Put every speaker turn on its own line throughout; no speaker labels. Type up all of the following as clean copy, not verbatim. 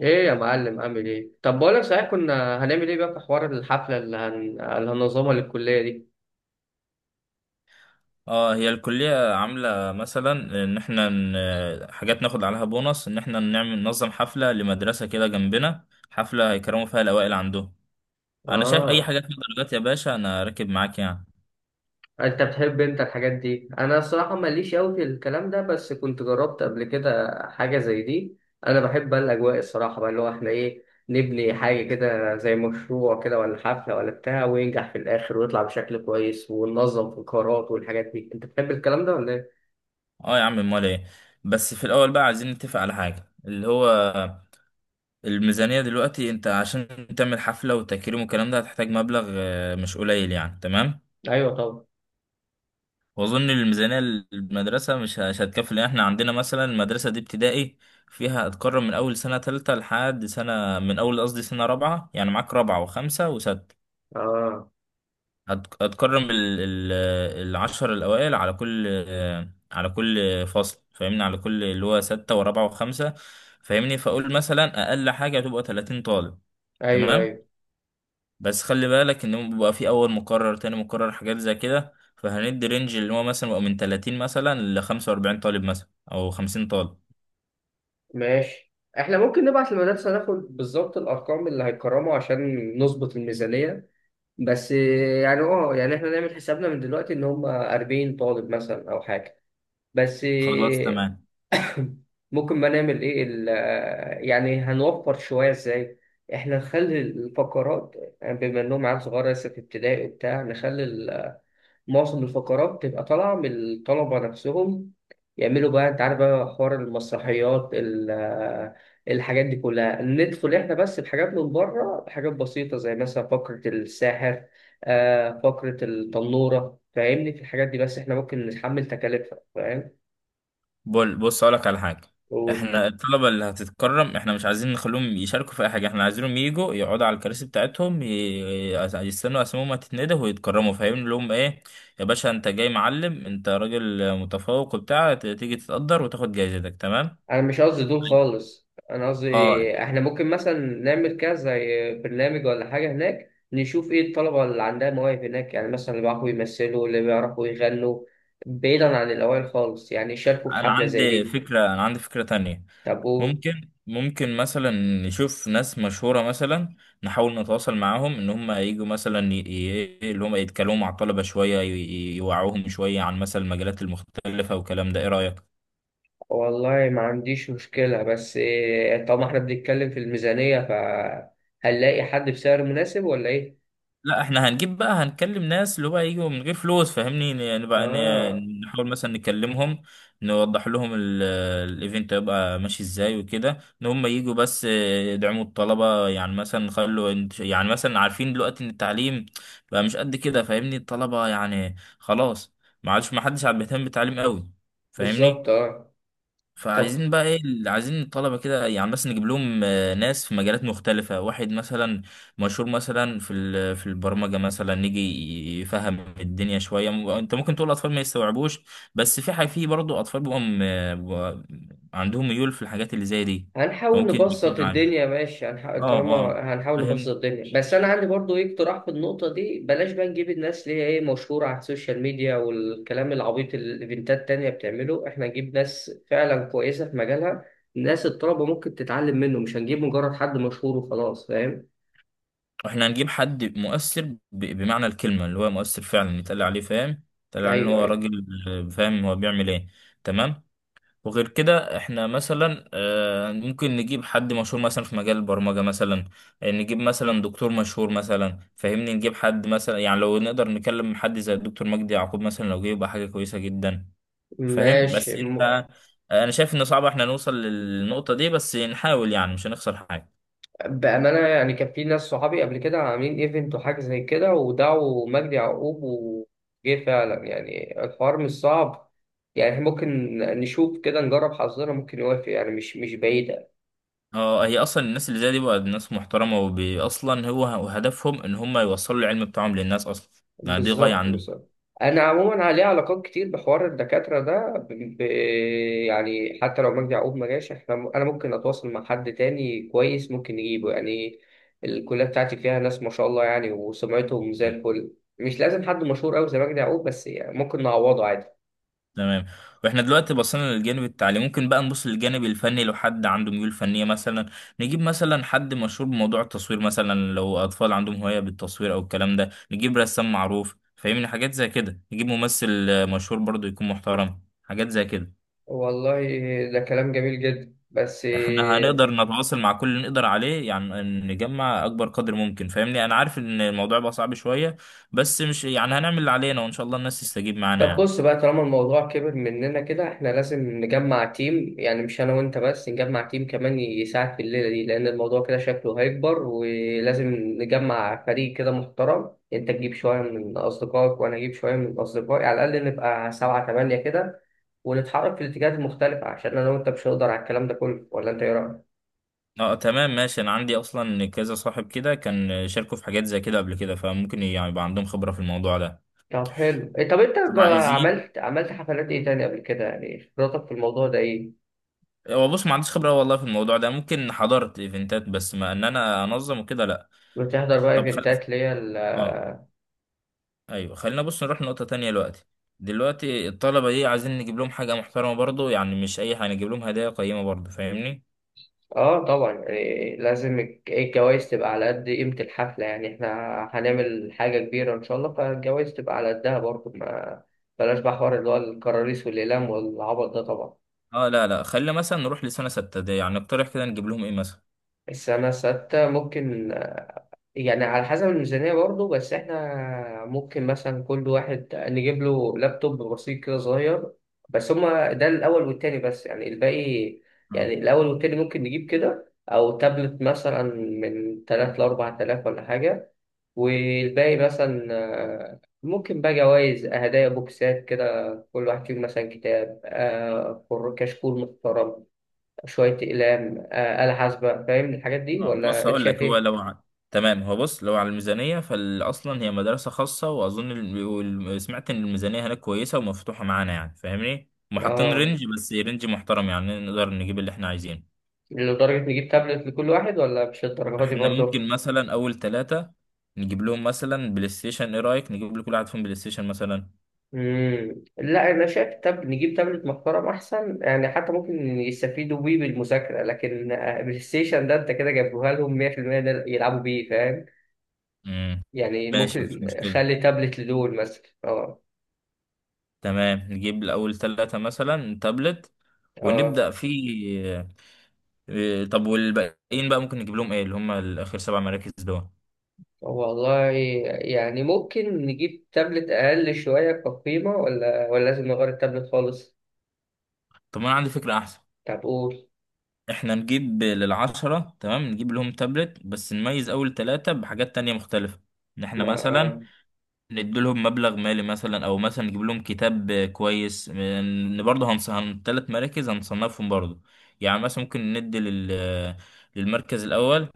ايه يا معلم عامل ايه؟ طب بقولك صحيح، كنا هنعمل ايه بقى في حوار الحفله اللي هننظمها للكليه دي؟
اه هي الكلية عاملة مثلا ان احنا حاجات ناخد عليها بونص، ان احنا نعمل ننظم حفلة لمدرسة كده جنبنا، حفلة هيكرموا فيها الأوائل عندهم. انا شايف اي
اه،
حاجة فيها درجات يا باشا، انا راكب معاك يعني.
انت بتحب انت الحاجات دي؟ انا الصراحه ماليش قوي في الكلام ده، بس كنت جربت قبل كده حاجه زي دي. انا بحب بقى الاجواء الصراحه، بقى اللي هو احنا ايه، نبني حاجه كده زي مشروع كده ولا حفله ولا بتاع، وينجح في الاخر ويطلع بشكل كويس وننظم في القرارات والحاجات دي. انت بتحب الكلام ده ولا ايه؟
اه يا عم، امال ايه؟ بس في الاول بقى عايزين نتفق على حاجة، اللي هو الميزانية. دلوقتي انت عشان تعمل حفلة وتكريم والكلام ده هتحتاج مبلغ مش قليل يعني، تمام؟
ايوه طبعا.
واظن الميزانيه المدرسه مش هتكفي، لان احنا عندنا مثلا المدرسه دي ابتدائي فيها، هتكرر من اول سنه ثالثه لحد سنه، من اول قصدي سنه رابعه، يعني معاك رابعه وخمسه وسته.
اه.
هتكرم العشر الاوائل على كل، على كل فصل، فاهمني؟ على كل اللي هو سته ورابعه وخمسه، فاهمني؟ فاقول مثلا اقل حاجه هتبقى 30 طالب،
ايوه
تمام؟
ايوه
بس خلي بالك ان هو بيبقى في اول مقرر تاني مقرر حاجات زي كده، فهندي رينج اللي هو مثلا بيبقى من 30 مثلا ل 45 طالب مثلا او 50 طالب.
ماشي. احنا ممكن نبعت للمدرسة ناخد بالظبط الأرقام اللي هيكرموا عشان نظبط الميزانية. بس يعني اه يعني احنا نعمل حسابنا من دلوقتي إن هم 40 طالب مثلا أو حاجة. بس
خلاص تمام.
ممكن ما نعمل ايه يعني هنوفر شوية ازاي؟ احنا نخلي الفقرات، يعني بما انهم عيال صغيرة لسه في ابتدائي وبتاع، نخلي معظم الفقرات بتبقى طالعة من الطلبة نفسهم، يعملوا بقى انت عارف بقى حوار المسرحيات الحاجات دي كلها. ندخل احنا بس بحاجات من بره، بحاجات بسيطة زي مثلا فقرة الساحر، فقرة التنورة، فاهمني؟ في الحاجات دي بس احنا ممكن نتحمل تكاليفها، فاهم؟
بول بص اقولك على حاجه. احنا، الطلبه اللي هتتكرم احنا مش عايزين نخليهم يشاركوا في اي حاجه، احنا عايزينهم يجوا يقعدوا على الكراسي بتاعتهم، يستنوا اسمهم هتتندى ويتكرموا، فاهم لهم ايه؟ يا باشا انت جاي معلم، انت راجل متفوق وبتاع، تيجي تتقدر وتاخد جايزتك، تمام.
انا مش قصدي دول خالص، انا قصدي
اه،
احنا ممكن مثلا نعمل كذا زي برنامج ولا حاجه هناك، نشوف ايه الطلبه اللي عندها مواهب هناك، يعني مثلا اللي بيعرفوا يمثلوا، اللي بيعرفوا يغنوا، بعيدا عن الاوائل خالص، يعني يشاركوا في
انا
حفله زي
عندي
دي.
فكره، انا عندي فكره تانية.
طب
ممكن مثلا نشوف ناس مشهورة مثلا، نحاول نتواصل معاهم ان هم يجوا مثلا، اللي هم يتكلموا مع الطلبة شوية، يوعوهم شوية عن مثلا المجالات المختلفة والكلام ده، ايه رأيك؟
والله ما عنديش مشكله، بس إيه، طالما احنا بنتكلم في الميزانيه، فهنلاقي حد بسعر مناسب ولا ايه؟
لا احنا هنجيب بقى، هنكلم ناس اللي هو يجوا من غير فلوس، فاهمني؟ نبقى
اه.
نحاول مثلا نكلمهم، نوضح لهم الايفنت هيبقى ماشي ازاي وكده، ان هم يجوا بس يدعموا الطلبة. يعني مثلا نخلوا يعني مثلا عارفين دلوقتي ان التعليم بقى مش قد كده، فاهمني؟ الطلبة يعني خلاص، ما عادش، ما حدش عاد بيهتم بالتعليم قوي،
بالظبط
فاهمني؟
اه. طب
فعايزين بقى ايه اللي عايزين الطلبه كده يعني، بس نجيب لهم ناس في مجالات مختلفه، واحد مثلا مشهور مثلا في في البرمجه مثلا يجي يفهم الدنيا شويه. انت ممكن تقول الاطفال ما يستوعبوش، بس في حاجه، في برضه اطفال بيبقوا عندهم ميول في الحاجات اللي زي دي،
هنحاول
فممكن يجيب
نبسط
معانا.
الدنيا، ماشي، هنحاول
اه
طالما.
اه،
هنحاول نبسط
فاهم.
الدنيا، بس انا عندي برضو ايه اقتراح في النقطه دي. بلاش بقى نجيب الناس اللي هي ايه، مشهوره على السوشيال ميديا، والكلام العبيط اللي الايفنتات التانية بتعمله. احنا نجيب ناس فعلا كويسه في مجالها، ناس الطلبه ممكن تتعلم منه، مش هنجيب مجرد حد مشهور وخلاص، فاهم؟
احنا هنجيب حد مؤثر، بمعنى الكلمه اللي هو مؤثر فعلا، يتقال عليه فاهم، يتقال عليه ان
ايوه
هو
ايوه
راجل فاهم هو بيعمل ايه، تمام. وغير كده احنا مثلا ممكن نجيب حد مشهور مثلا في مجال البرمجة مثلا، نجيب مثلا دكتور مشهور مثلا، فاهمني؟ نجيب حد مثلا، يعني لو نقدر نكلم حد زي الدكتور مجدي يعقوب مثلا، لو جه يبقى حاجة كويسة جدا. فاهم؟
ماشي.
بس انت، انا شايف ان صعب احنا نوصل للنقطة دي، بس نحاول يعني مش هنخسر حاجة.
بأمانة يعني كان في ناس صحابي قبل كده عاملين ايفنت وحاجة زي كده، ودعوا مجدي يعقوب وجه فعلا. يعني الحوار مش صعب. يعني إحنا ممكن نشوف كده، نجرب حظنا، ممكن يوافق، يعني مش بعيدة.
اه، هي اصلا الناس اللي زي دي بقى ناس محترمة، وبي اصلا هو هدفهم ان هم يوصلوا العلم بتاعهم للناس اصلا، يعني دي غاية
بالظبط
عندهم.
بالظبط انا عموما عليه علاقات كتير بحوار الدكاتره ده يعني حتى لو مجدي يعقوب ما جاش، احنا انا ممكن اتواصل مع حد تاني كويس ممكن نجيبه يعني. الكليه بتاعتي فيها ناس ما شاء الله يعني، وسمعتهم زي الفل. مش لازم حد مشهور قوي زي مجدي يعقوب، بس يعني ممكن نعوضه عادي.
تمام. واحنا دلوقتي بصينا للجانب التعليمي، ممكن بقى نبص للجانب الفني، لو حد عنده ميول فنية مثلا، نجيب مثلا حد مشهور بموضوع التصوير مثلا، لو أطفال عندهم هواية بالتصوير أو الكلام ده، نجيب رسام معروف، فاهمني؟ حاجات زي كده، نجيب ممثل مشهور برضو يكون محترم، حاجات زي كده.
والله ده كلام جميل جدا، بس
احنا هنقدر نتواصل مع كل اللي نقدر عليه يعني، نجمع أكبر قدر ممكن، فاهمني؟ أنا عارف إن الموضوع بقى صعب شوية، بس مش يعني، هنعمل اللي علينا وإن شاء الله الناس تستجيب معانا
طب
يعني.
بص بقى، طالما الموضوع كبر مننا كده، احنا لازم نجمع تيم، يعني مش انا وانت بس، نجمع تيم كمان يساعد في الليلة دي، لان الموضوع كده شكله هيكبر، ولازم نجمع فريق كده محترم. انت تجيب شوية من اصدقائك، وانا اجيب شوية من اصدقائي، على الاقل نبقى سبعة تمانية كده، ونتحرك في الاتجاهات المختلفة، عشان انا وانت مش هنقدر على الكلام ده كله، ولا انت ايه رأيك؟
اه تمام ماشي، انا عندي اصلا كذا صاحب كده كان شاركوا في حاجات زي كده قبل كده، فممكن يعني يبقى عندهم خبرة في الموضوع ده.
طب حلو، إيه، طب
طبعا ايزين.
عملت حفلات ايه تاني قبل كده؟ يعني خبرتك في الموضوع ده ايه؟
هو بص ما عنديش خبرة والله في الموضوع ده، ممكن حضرت ايفنتات بس ما ان انا انظم وكده لا.
بتحضر بقى
طب خل...
ايفنتات اللي هي
اه، ايوه خلينا بص نروح لنقطة تانية دلوقتي. دلوقتي الطلبة دي عايزين نجيب لهم حاجة محترمة برضو، يعني مش اي حاجة، نجيب لهم هدايا قيمة برضو، فاهمني؟
اه. طبعا، إيه، لازم الجوايز تبقى على قد قيمة الحفلة. يعني احنا هنعمل حاجة كبيرة ان شاء الله، فالجوايز تبقى على قدها برضه ما. بلاش بقى حوار اللي هو الكراريس والإقلام والعبط ده طبعا.
اه لا لا، خلينا مثلا نروح لسنة ستة دي، يعني نقترح كده نجيب لهم ايه مثلا؟
السنة الستة ممكن يعني على حسب الميزانية برضه، بس احنا ممكن مثلا كل واحد نجيب له لابتوب بسيط كده صغير. بس هما ده الأول والتاني بس، يعني الباقي يعني. الأول والتاني ممكن نجيب كده، أو تابلت مثلا من تلات لأربع تلاف ولا حاجة. والباقي مثلا ممكن بقى جوايز هدايا بوكسات كده، كل واحد فيهم مثلا كتاب، كشكول محترم، شوية أقلام، آلة حاسبة. فاهم الحاجات دي،
بص
ولا أنت
هقول
شايف
لك،
إيه؟
تمام، هو بص لو على الميزانية، فأصلا هي مدرسة خاصة، وأظن سمعت إن الميزانية هناك كويسة ومفتوحة معانا يعني، فاهمني؟ وحاطين
آه.
رينج، بس رينج محترم يعني نقدر نجيب اللي إحنا عايزينه.
لدرجة نجيب تابلت لكل واحد، ولا مش الدرجة دي
إحنا
برضه؟
ممكن مثلا أول ثلاثة نجيب لهم مثلا بلاي ستيشن، إيه رأيك؟ نجيب لكل واحد فيهم بلاي ستيشن مثلا.
مم. لا، أنا شايف نجيب تابلت محترم أحسن، يعني حتى ممكن يستفيدوا بيه بالمذاكرة، لكن بلاي ستيشن ده أنت كده جايبوها لهم 100%، ده يلعبوا بيه فاهم؟
مم.
يعني
ماشي مفيش
ممكن.
مشكلة.
خلي تابلت لدول مثلا آه.
تمام، نجيب لأول ثلاثة مثلا تابلت،
آه.
ونبدأ في طب والباقيين بقى ممكن نجيب لهم إيه، اللي هم الآخر سبع مراكز دول؟
والله يعني ممكن نجيب تابلت أقل شوية كقيمة، ولا لازم نغير التابلت خالص؟
طب انا عندي فكرة احسن.
طب قول.
احنا نجيب للعشرة، تمام نجيب لهم تابلت، بس نميز اول ثلاثة بحاجات تانية مختلفة، ان احنا
ما
مثلا
آه.
نديلهم مبلغ مالي مثلا، او مثلا نجيب لهم كتاب كويس، ان برضه هنص هن ثلاث مراكز هنصنفهم برضه. يعني مثلا ممكن ندي لل للمركز الاول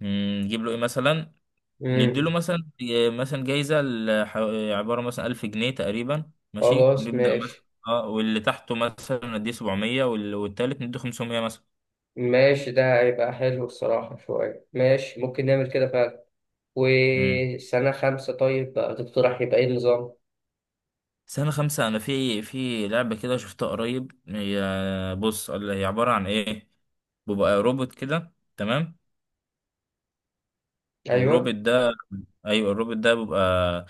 نجيب له ايه مثلا، نديله
مم.
مثلا مثلا جايزة عبارة مثلا 1000 جنيه تقريبا، ماشي؟
خلاص
ونبدأ مثلا
ماشي.
اه واللي تحته مثلا نديه 700، والتالت نديه 500 مثلا.
ماشي، ده هيبقى حلو الصراحة شوية، ماشي ممكن نعمل كده فعلا.
مم.
وسنة خمسة طيب بقى تقترح يبقى ايه النظام؟
سنة خمسة، أنا في لعبة كده شفتها قريب، هي بص اللي هي عبارة عن إيه، بيبقى روبوت كده، تمام. الروبوت
أيوه.
ده، ايوه الروبوت ده بيبقى،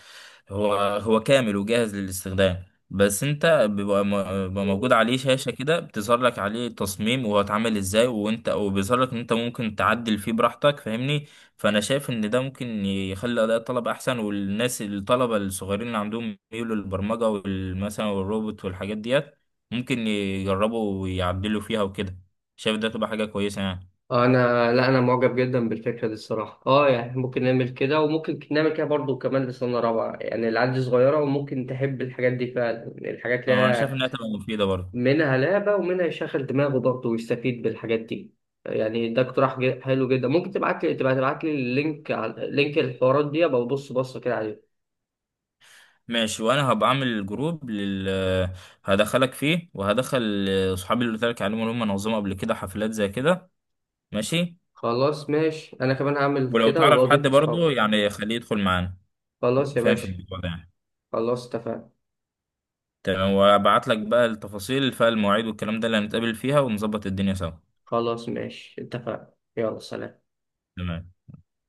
هو هو كامل وجاهز للاستخدام، بس انت بيبقى موجود عليه شاشة كده بتظهر لك عليه التصميم وهو اتعمل ازاي، وانت وبيظهر لك ان انت ممكن تعدل فيه براحتك، فاهمني؟ فانا شايف ان ده ممكن يخلي اداء الطلبة احسن، والناس الطلبة الصغيرين اللي عندهم ميول للبرمجة مثلا والروبوت والحاجات ديت، ممكن يجربوا ويعدلوا فيها وكده، شايف ده تبقى حاجة كويسة يعني.
أنا لا، أنا معجب جدا بالفكرة دي الصراحة، أه، يعني ممكن نعمل كده، وممكن نعمل كده برضو كمان لسنة رابعة. يعني العيال دي صغيرة وممكن تحب الحاجات دي فعلا، يعني الحاجات اللي
اه، انا شايف
هي
انها تبقى مفيدة برضه.
منها لعبة ومنها يشغل دماغه برضه ويستفيد بالحاجات دي. يعني ده اقتراح حلو جدا. ممكن تبعت لي، تبقى تبعت لي اللينك على لينك الحوارات دي، ابقى ببص بصة كده عليه.
ماشي وانا هبقى اعمل جروب لل، هدخلك فيه وهدخل اصحابي اللي قلت لك عليهم اللي هم نظموا قبل كده حفلات زي كده. ماشي.
خلاص ماشي، انا كمان هعمل
ولو
كده وابقى
تعرف حد
اضيف اصحابي.
برضه يعني خليه يدخل معانا،
خلاص يا
فاهم في
باشا.
الموضوع ده يعني.
خلاص اتفقنا.
تمام، وابعت لك بقى التفاصيل فالمواعيد والكلام ده اللي هنتقابل فيها ونظبط الدنيا سوا.
خلاص ماشي، اتفقنا، يلا سلام.
تمام